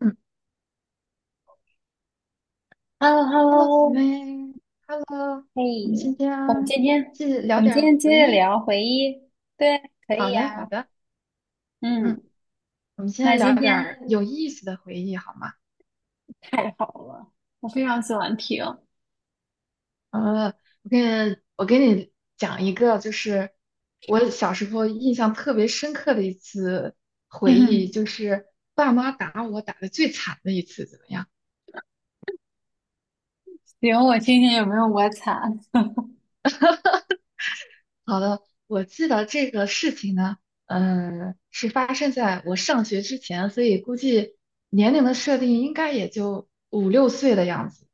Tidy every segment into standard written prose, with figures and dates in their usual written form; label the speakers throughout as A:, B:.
A: 嗯
B: h e l l o h e l l
A: ，Hello，姐
B: o
A: 妹，Hello，
B: 嘿，
A: 我们今天
B: 我们今天
A: 继续
B: 我
A: 聊
B: 们
A: 点
B: 今
A: 儿
B: 天接
A: 回
B: 着
A: 忆。
B: 聊回忆，对，可以
A: 好的，好
B: 呀、
A: 的，
B: 嗯，
A: 嗯，我们
B: 那
A: 先聊
B: 今
A: 点
B: 天
A: 儿有意思的回忆，好吗？
B: 太好了，我非常喜欢听。
A: 呃，我给你讲一个，就是我小时候印象特别深刻的一次回忆，
B: 嗯
A: 就是爸妈打我打的最惨的一次，怎么样？
B: 行，我听听有没有我惨。
A: 好的，我记得这个事情呢，嗯，是发生在我上学之前，所以估计年龄的设定应该也就五六岁的样子，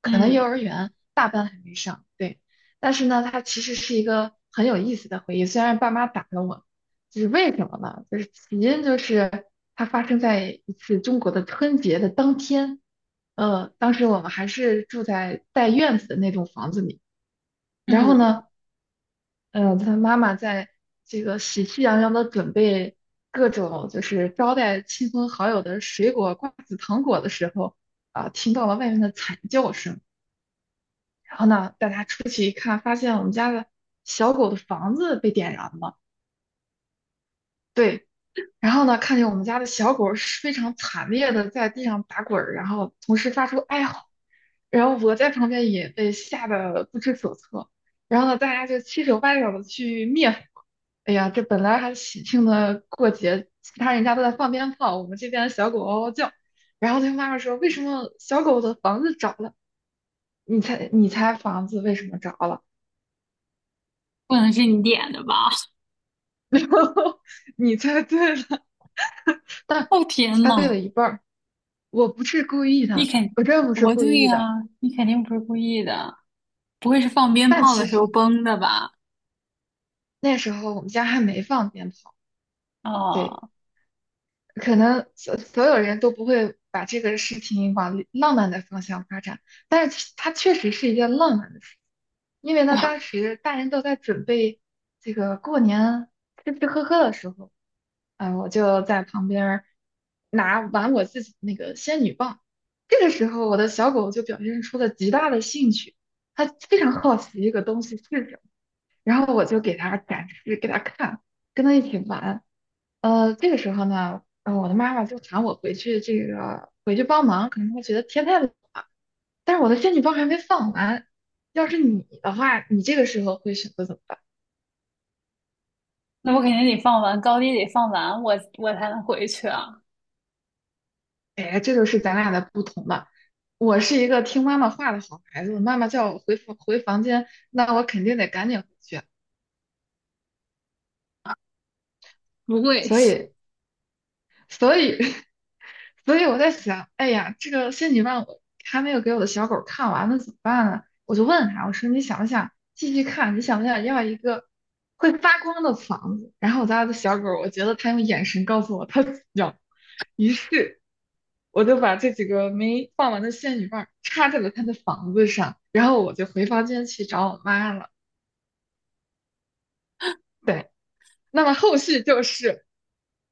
A: 可能幼儿
B: 嗯
A: 园大班还没上。对，但是呢，它其实是一个很有意思的回忆。虽然爸妈打了我，就是为什么呢？就是起因就是它发生在一次中国的春节的当天，当时我们还是住在带院子的那栋房子里，然后
B: 嗯，
A: 呢。他妈妈在这个喜气洋洋的准备各种就是招待亲朋好友的水果、瓜子、糖果的时候，啊、听到了外面的惨叫声。然后呢，带他出去一看，发现我们家的小狗的房子被点燃了。对，然后呢，看见我们家的小狗是非常惨烈的在地上打滚儿，然后同时发出哀嚎，然后我在旁边也被吓得不知所措。然后呢，大家就七手八脚的去灭火。哎呀，这本来还喜庆的过节，其他人家都在放鞭炮，我们这边的小狗嗷嗷叫。然后他妈妈说："为什么小狗的房子着了？"你猜，你猜房子为什么着了？
B: 不能是你点的吧？
A: 然后你猜对了，但
B: 哦天
A: 猜对了
B: 呐，
A: 一半儿。我不是故意
B: 你
A: 的，
B: 肯，
A: 我真不是
B: 我
A: 故
B: 对
A: 意
B: 呀、
A: 的。
B: 你肯定不是故意的，不会是放鞭
A: 但
B: 炮
A: 其
B: 的时
A: 实
B: 候崩的吧？
A: 那时候我们家还没放鞭炮，对，
B: 哦，
A: 可能所有人都不会把这个事情往浪漫的方向发展，但是它确实是一件浪漫的事，因为呢，当时大人都在准备这个过年吃吃喝喝的时候，啊、我就在旁边儿拿玩我自己的那个仙女棒，这个时候我的小狗就表现出了极大的兴趣。它非常好奇一个东西是什么。然后我就给他展示，给他看，跟他一起玩。这个时候呢，我的妈妈就喊我回去，这个回去帮忙，可能她觉得天太冷了，但是我的仙女棒还没放完。要是你的话，你这个时候会选择怎么办？
B: 那我肯定得放完，高低得放完，我才能回去啊。
A: 哎，这就是咱俩的不同了。我是一个听妈妈话的好孩子，妈妈叫我回房间，那我肯定得赶紧回去。
B: 不会，
A: 所 以，所以 所以我在想，哎呀，这个仙女棒我还没有给我的小狗看完，呢，怎么办呢？我就问他，我说你想不想继续看？你想不想要一个会发光的房子？然后我家的小狗，我觉得它用眼神告诉我它要。于是我就把这几个没放完的仙女棒插在了它的房子上，然后我就回房间去找我妈了。对。那么后续就是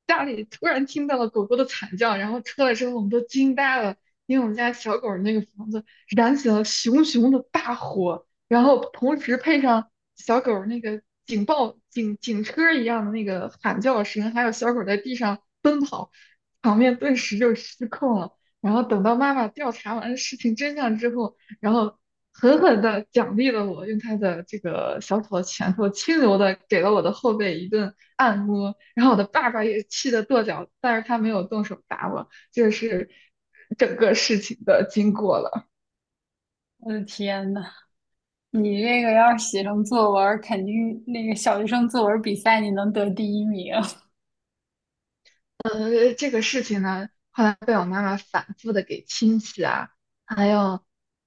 A: 家里突然听到了狗狗的惨叫，然后出来之后我们都惊呆了，因为我们家小狗儿那个房子燃起了熊熊的大火，然后同时配上小狗儿那个警报警警车儿一样的那个喊叫声，还有小狗儿在地上奔跑，场面顿时就失控了。然后等到妈妈调查完事情真相之后，然后狠狠地奖励了我，用他的这个小小的拳头轻柔地给了我的后背一顿按摩，然后我的爸爸也气得跺脚，但是他没有动手打我，这是整个事情的经过了。
B: 我的天呐，你这个要是写成作文儿肯定那个小学生作文比赛你能得第一名，
A: 这个事情呢，后来被我妈妈反复的给亲戚啊，还有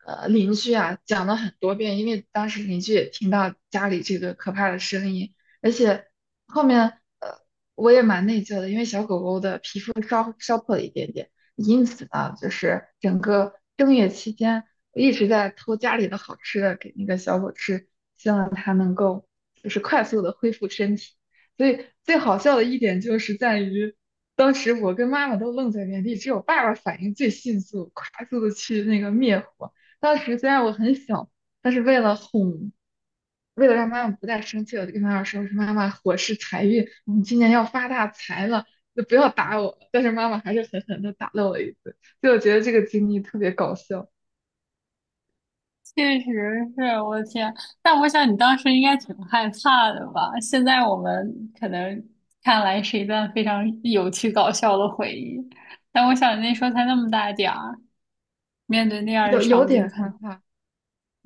A: 邻居啊讲了很多遍，因为当时邻居也听到家里这个可怕的声音，而且后面呃我也蛮内疚的，因为小狗狗的皮肤烧破了一点点，因此呢，就是整个正月期间，我一直在偷家里的好吃的给那个小狗吃，希望它能够就是快速的恢复身体。所以最好笑的一点就是在于。当时我跟妈妈都愣在原地，只有爸爸反应最迅速，快速的去那个灭火。当时虽然我很小，但是为了哄，为了让妈妈不再生气，我就跟妈妈说："我说妈妈，火是财运，我们今年要发大财了，就不要打我。"但是妈妈还是狠狠的打了我一顿，所以我觉得这个经历特别搞笑，
B: 确实是我的天。但我想你当时应该挺害怕的吧？现在我们可能看来是一段非常有趣搞笑的回忆，但我想你那时候才那么大点儿，面对那样的
A: 有有
B: 场景，
A: 点害怕，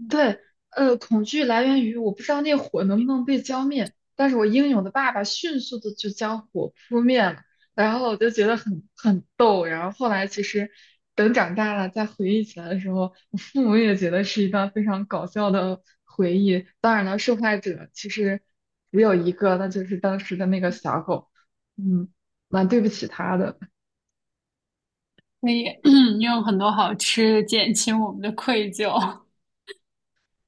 A: 对，恐惧来源于我不知道那火能不能被浇灭，但是我英勇的爸爸迅速的就将火扑灭了，然后我就觉得很逗，然后后来其实等长大了再回忆起来的时候，我父母也觉得是一段非常搞笑的回忆。当然了，受害者其实只有一个，那就是当时的那个小狗，嗯，蛮对不起他的。
B: 可以 有很多好吃的，减轻我们的愧疚。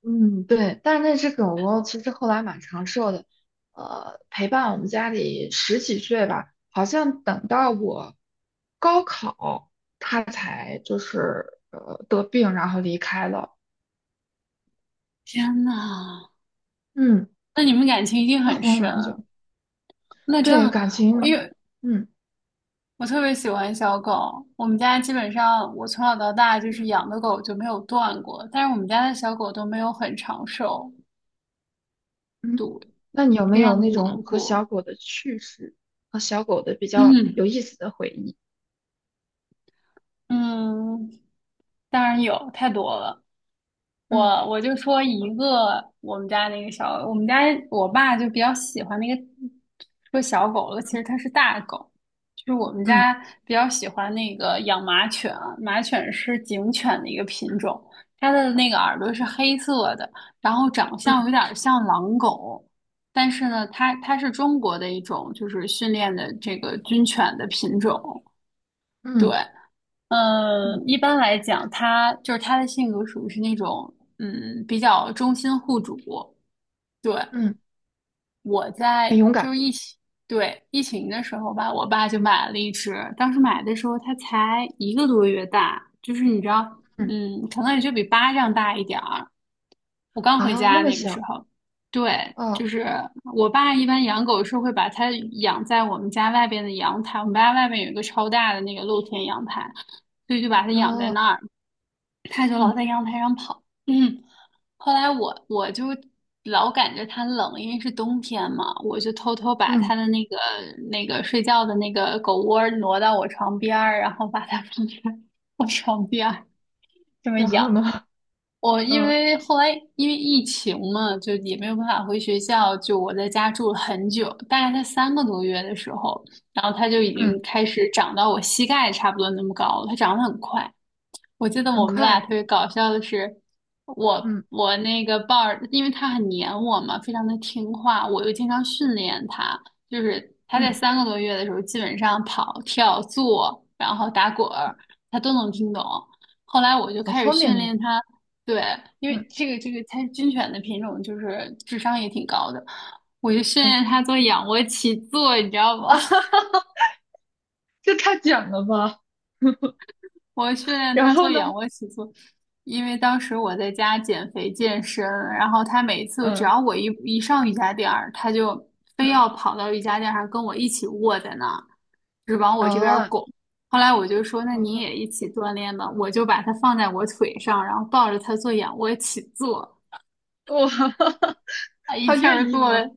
A: 嗯，对，但是那只狗狗其实后来蛮长寿的，陪伴我们家里十几岁吧，好像等到我高考才就是得病，然后离开了。
B: 天呐，
A: 嗯，
B: 那你们感情一定
A: 它
B: 很
A: 活了蛮久。
B: 深。那这
A: 对，
B: 样，
A: 感
B: 因
A: 情，
B: 为
A: 嗯
B: 我特别喜欢小狗，我们家基本上我从小到大就
A: 嗯
B: 是养的狗就没有断过，但是我们家的小狗都没有很长寿，
A: 嗯，那你有没
B: 非
A: 有
B: 常的
A: 那
B: 难
A: 种和
B: 过。
A: 小狗的趣事，和小狗的比较 有意思的回忆？
B: 嗯，当然有，太多了。
A: 嗯
B: 我就说一个我们家那个小，我们家我爸就比较喜欢那个说小狗了，其实它
A: 嗯
B: 是大狗，就是我们
A: 嗯
B: 家比较喜欢那个养马犬啊马犬是警犬的一个品种，它的那个耳朵是黑色的，然后长相有
A: 嗯
B: 点像狼狗，但是呢，它是中国的一种就是训练的这个军犬的品种，对。
A: 嗯
B: 嗯，
A: 嗯
B: 一般来讲，他就是他的性格属于是那种，嗯，比较忠心护主，
A: 嗯，
B: 对，
A: 嗯
B: 我
A: 很
B: 在
A: 勇
B: 就
A: 敢。
B: 是疫情，对，疫情的时候吧，我爸就买了一只。当时买的时候，它才一个多月大，就是你知道，
A: 嗯
B: 嗯，可能也就比巴掌大一点儿。我刚回
A: 啊，
B: 家
A: 那么
B: 那个时
A: 小。
B: 候，对，就
A: 哦。
B: 是我爸一般养狗是会把它养在我们家外边的阳台，我们家外面有一个超大的那个露天阳台，所以就把它
A: 然
B: 养在
A: 后
B: 那儿。它就老
A: 嗯
B: 在阳台上跑。嗯，后来我就老感觉它冷，因为是冬天嘛，我就偷偷把
A: 嗯，
B: 它的那个睡觉的那个狗窝挪到我床边儿，然后把它放在我床边儿这么
A: 然
B: 养。
A: 后呢，
B: 我 因
A: 嗯
B: 为后来因为疫情嘛，就也没有办法回学校，就我在家住了很久，大概在三个多月的时候，然后它就已经
A: 嗯，
B: 开始长到我膝盖差不多那么高了，它长得很快。我记得
A: 很
B: 我们
A: 快
B: 俩特
A: 的
B: 别搞笑的是，我
A: 嗯
B: 我那个豹儿，因为它很黏我嘛，非常的听话，我又经常训练它，就是它在
A: 嗯，
B: 三个多月的时候，基本上跑、跳、坐，然后打滚儿，它都能听懂。后来我就
A: 好
B: 开始
A: 聪
B: 训
A: 明哦，
B: 练它，对，因
A: 嗯
B: 为这个它军犬的品种就是智商也挺高的，我就训
A: 嗯
B: 练它做仰卧起坐，你知道吗？
A: 啊哈哈，这太简了吧，
B: 我训练
A: 然
B: 他做
A: 后呢，
B: 仰卧起坐，因为当时我在家减肥健身，然后他每次只
A: 嗯
B: 要我一上瑜伽垫儿，他就非要
A: 嗯
B: 跑到瑜伽垫上跟我一起卧在那儿，就是往我这边儿
A: 啊，
B: 拱。后来我就说，那你也
A: 我
B: 一起锻炼吧，我就把它放在我腿上，然后抱着他做仰卧起坐，
A: 我
B: 啊，一
A: 他
B: 气儿
A: 愿意
B: 做
A: 吗？
B: 了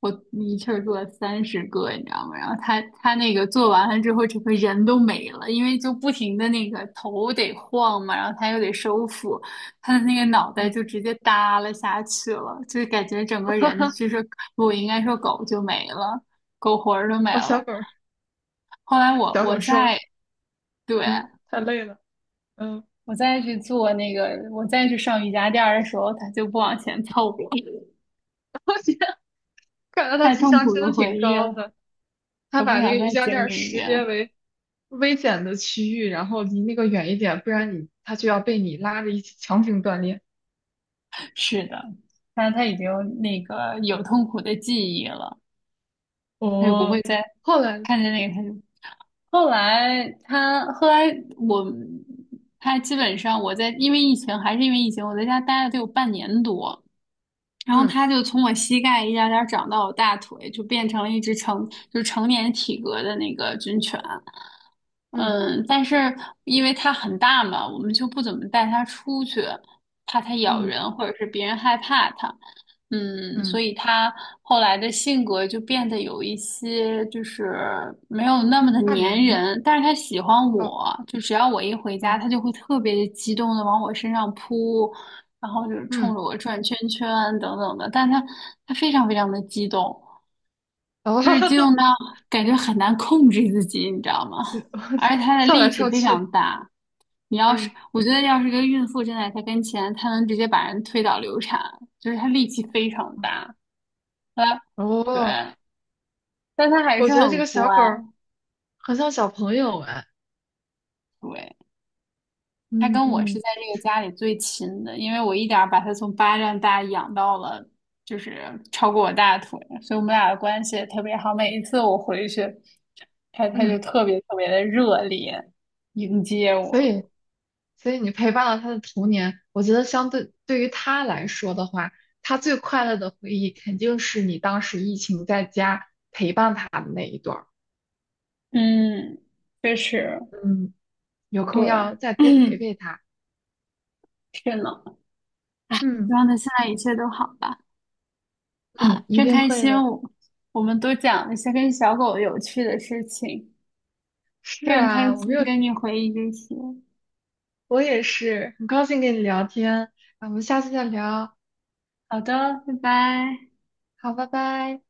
B: 我一气儿做了30个，你知道吗？然后他那个做完了之后，整个人都没了，因为就不停的那个头得晃嘛，然后他又得收腹，他的那个脑袋
A: 嗯，
B: 就直接耷拉下去了，就是感觉整 个
A: 哈
B: 人
A: 哈，
B: 就是我应该说狗就没了，狗魂儿都没
A: 把小
B: 了。
A: 狗儿
B: 后来我
A: 小
B: 我
A: 狗收
B: 再
A: 去，
B: 对，
A: 嗯，太累了，嗯，
B: 我再去做那个，我再去上瑜伽垫儿的时候，他就不往前凑了，
A: 看 来他
B: 太
A: 智
B: 痛
A: 商
B: 苦
A: 真
B: 的
A: 的挺
B: 回忆
A: 高
B: 了，
A: 的，他
B: 他
A: 把
B: 不
A: 那
B: 想
A: 个瑜
B: 再
A: 伽
B: 经
A: 垫
B: 历一
A: 识别
B: 遍。
A: 为危险的区域，然后离那个远一点，不然你他就要被你拉着一起强行锻炼。
B: 是的，但是他已经有痛苦的记忆了，他就不会
A: 哦，
B: 再
A: 后来，
B: 看见那个他就。后来他后来我他基本上我在因为疫情还是因为疫情，我在家待了得有半年多，然后
A: 嗯
B: 它就从我膝盖一点儿点儿长到我大腿，就变成了一只成就是成年体格的那个军犬。
A: 嗯
B: 嗯，但是因为它很大嘛，我们就不怎么带它出去，怕它咬
A: 嗯
B: 人或者是别人害怕它。嗯，所
A: 嗯，
B: 以它后来的性格就变得有一些就是没有那么的
A: 怕
B: 粘
A: 人吗？
B: 人，但是它喜欢
A: 哦
B: 我，就只要我一回家，
A: 哦
B: 它就会特别激动的往我身上扑，然后就是冲
A: 嗯
B: 着我转圈圈啊等等的，但他非常非常的激动，
A: 哦，
B: 就是激动 到感觉很难控制自己，你知道吗？
A: 哈
B: 而且
A: 哈，
B: 他的
A: 跳
B: 力
A: 来
B: 气
A: 跳
B: 非
A: 去
B: 常大，你 要是
A: 嗯
B: 我觉得要是个孕妇站在他跟前，他能直接把人推倒流产，就是他力气非常
A: 嗯
B: 大，他对，
A: 哦，
B: 但他还
A: 我
B: 是
A: 觉得这
B: 很
A: 个小
B: 乖，
A: 狗儿很像小朋友哎，
B: 对。他
A: 嗯
B: 跟我是
A: 嗯
B: 在这个家里最亲的，因为我一点儿把他从巴掌大养到了，就是超过我大腿，所以我们俩的关系也特别好。每一次我回去，他就
A: 嗯，
B: 特别特别的热烈迎接
A: 所
B: 我。
A: 以。所以你陪伴了他的童年，我觉得对于他来说的话，他最快乐的回忆肯定是你当时疫情在家陪伴他的那一段儿
B: 嗯，确实，
A: 嗯，有空要
B: 对，
A: 再多陪陪他。
B: 天呢。
A: 嗯
B: 希望他现在一切都好吧。啊，
A: 嗯，一
B: 真
A: 定
B: 开
A: 会
B: 心
A: 的。
B: 我，我们都讲了一些跟小狗有趣的事情，非
A: 是
B: 常开
A: 啊，我没
B: 心
A: 有，
B: 跟你回忆这些。
A: 我也是，很高兴跟你聊天。那我们下次再聊，
B: 好的，拜拜。
A: 好，拜拜。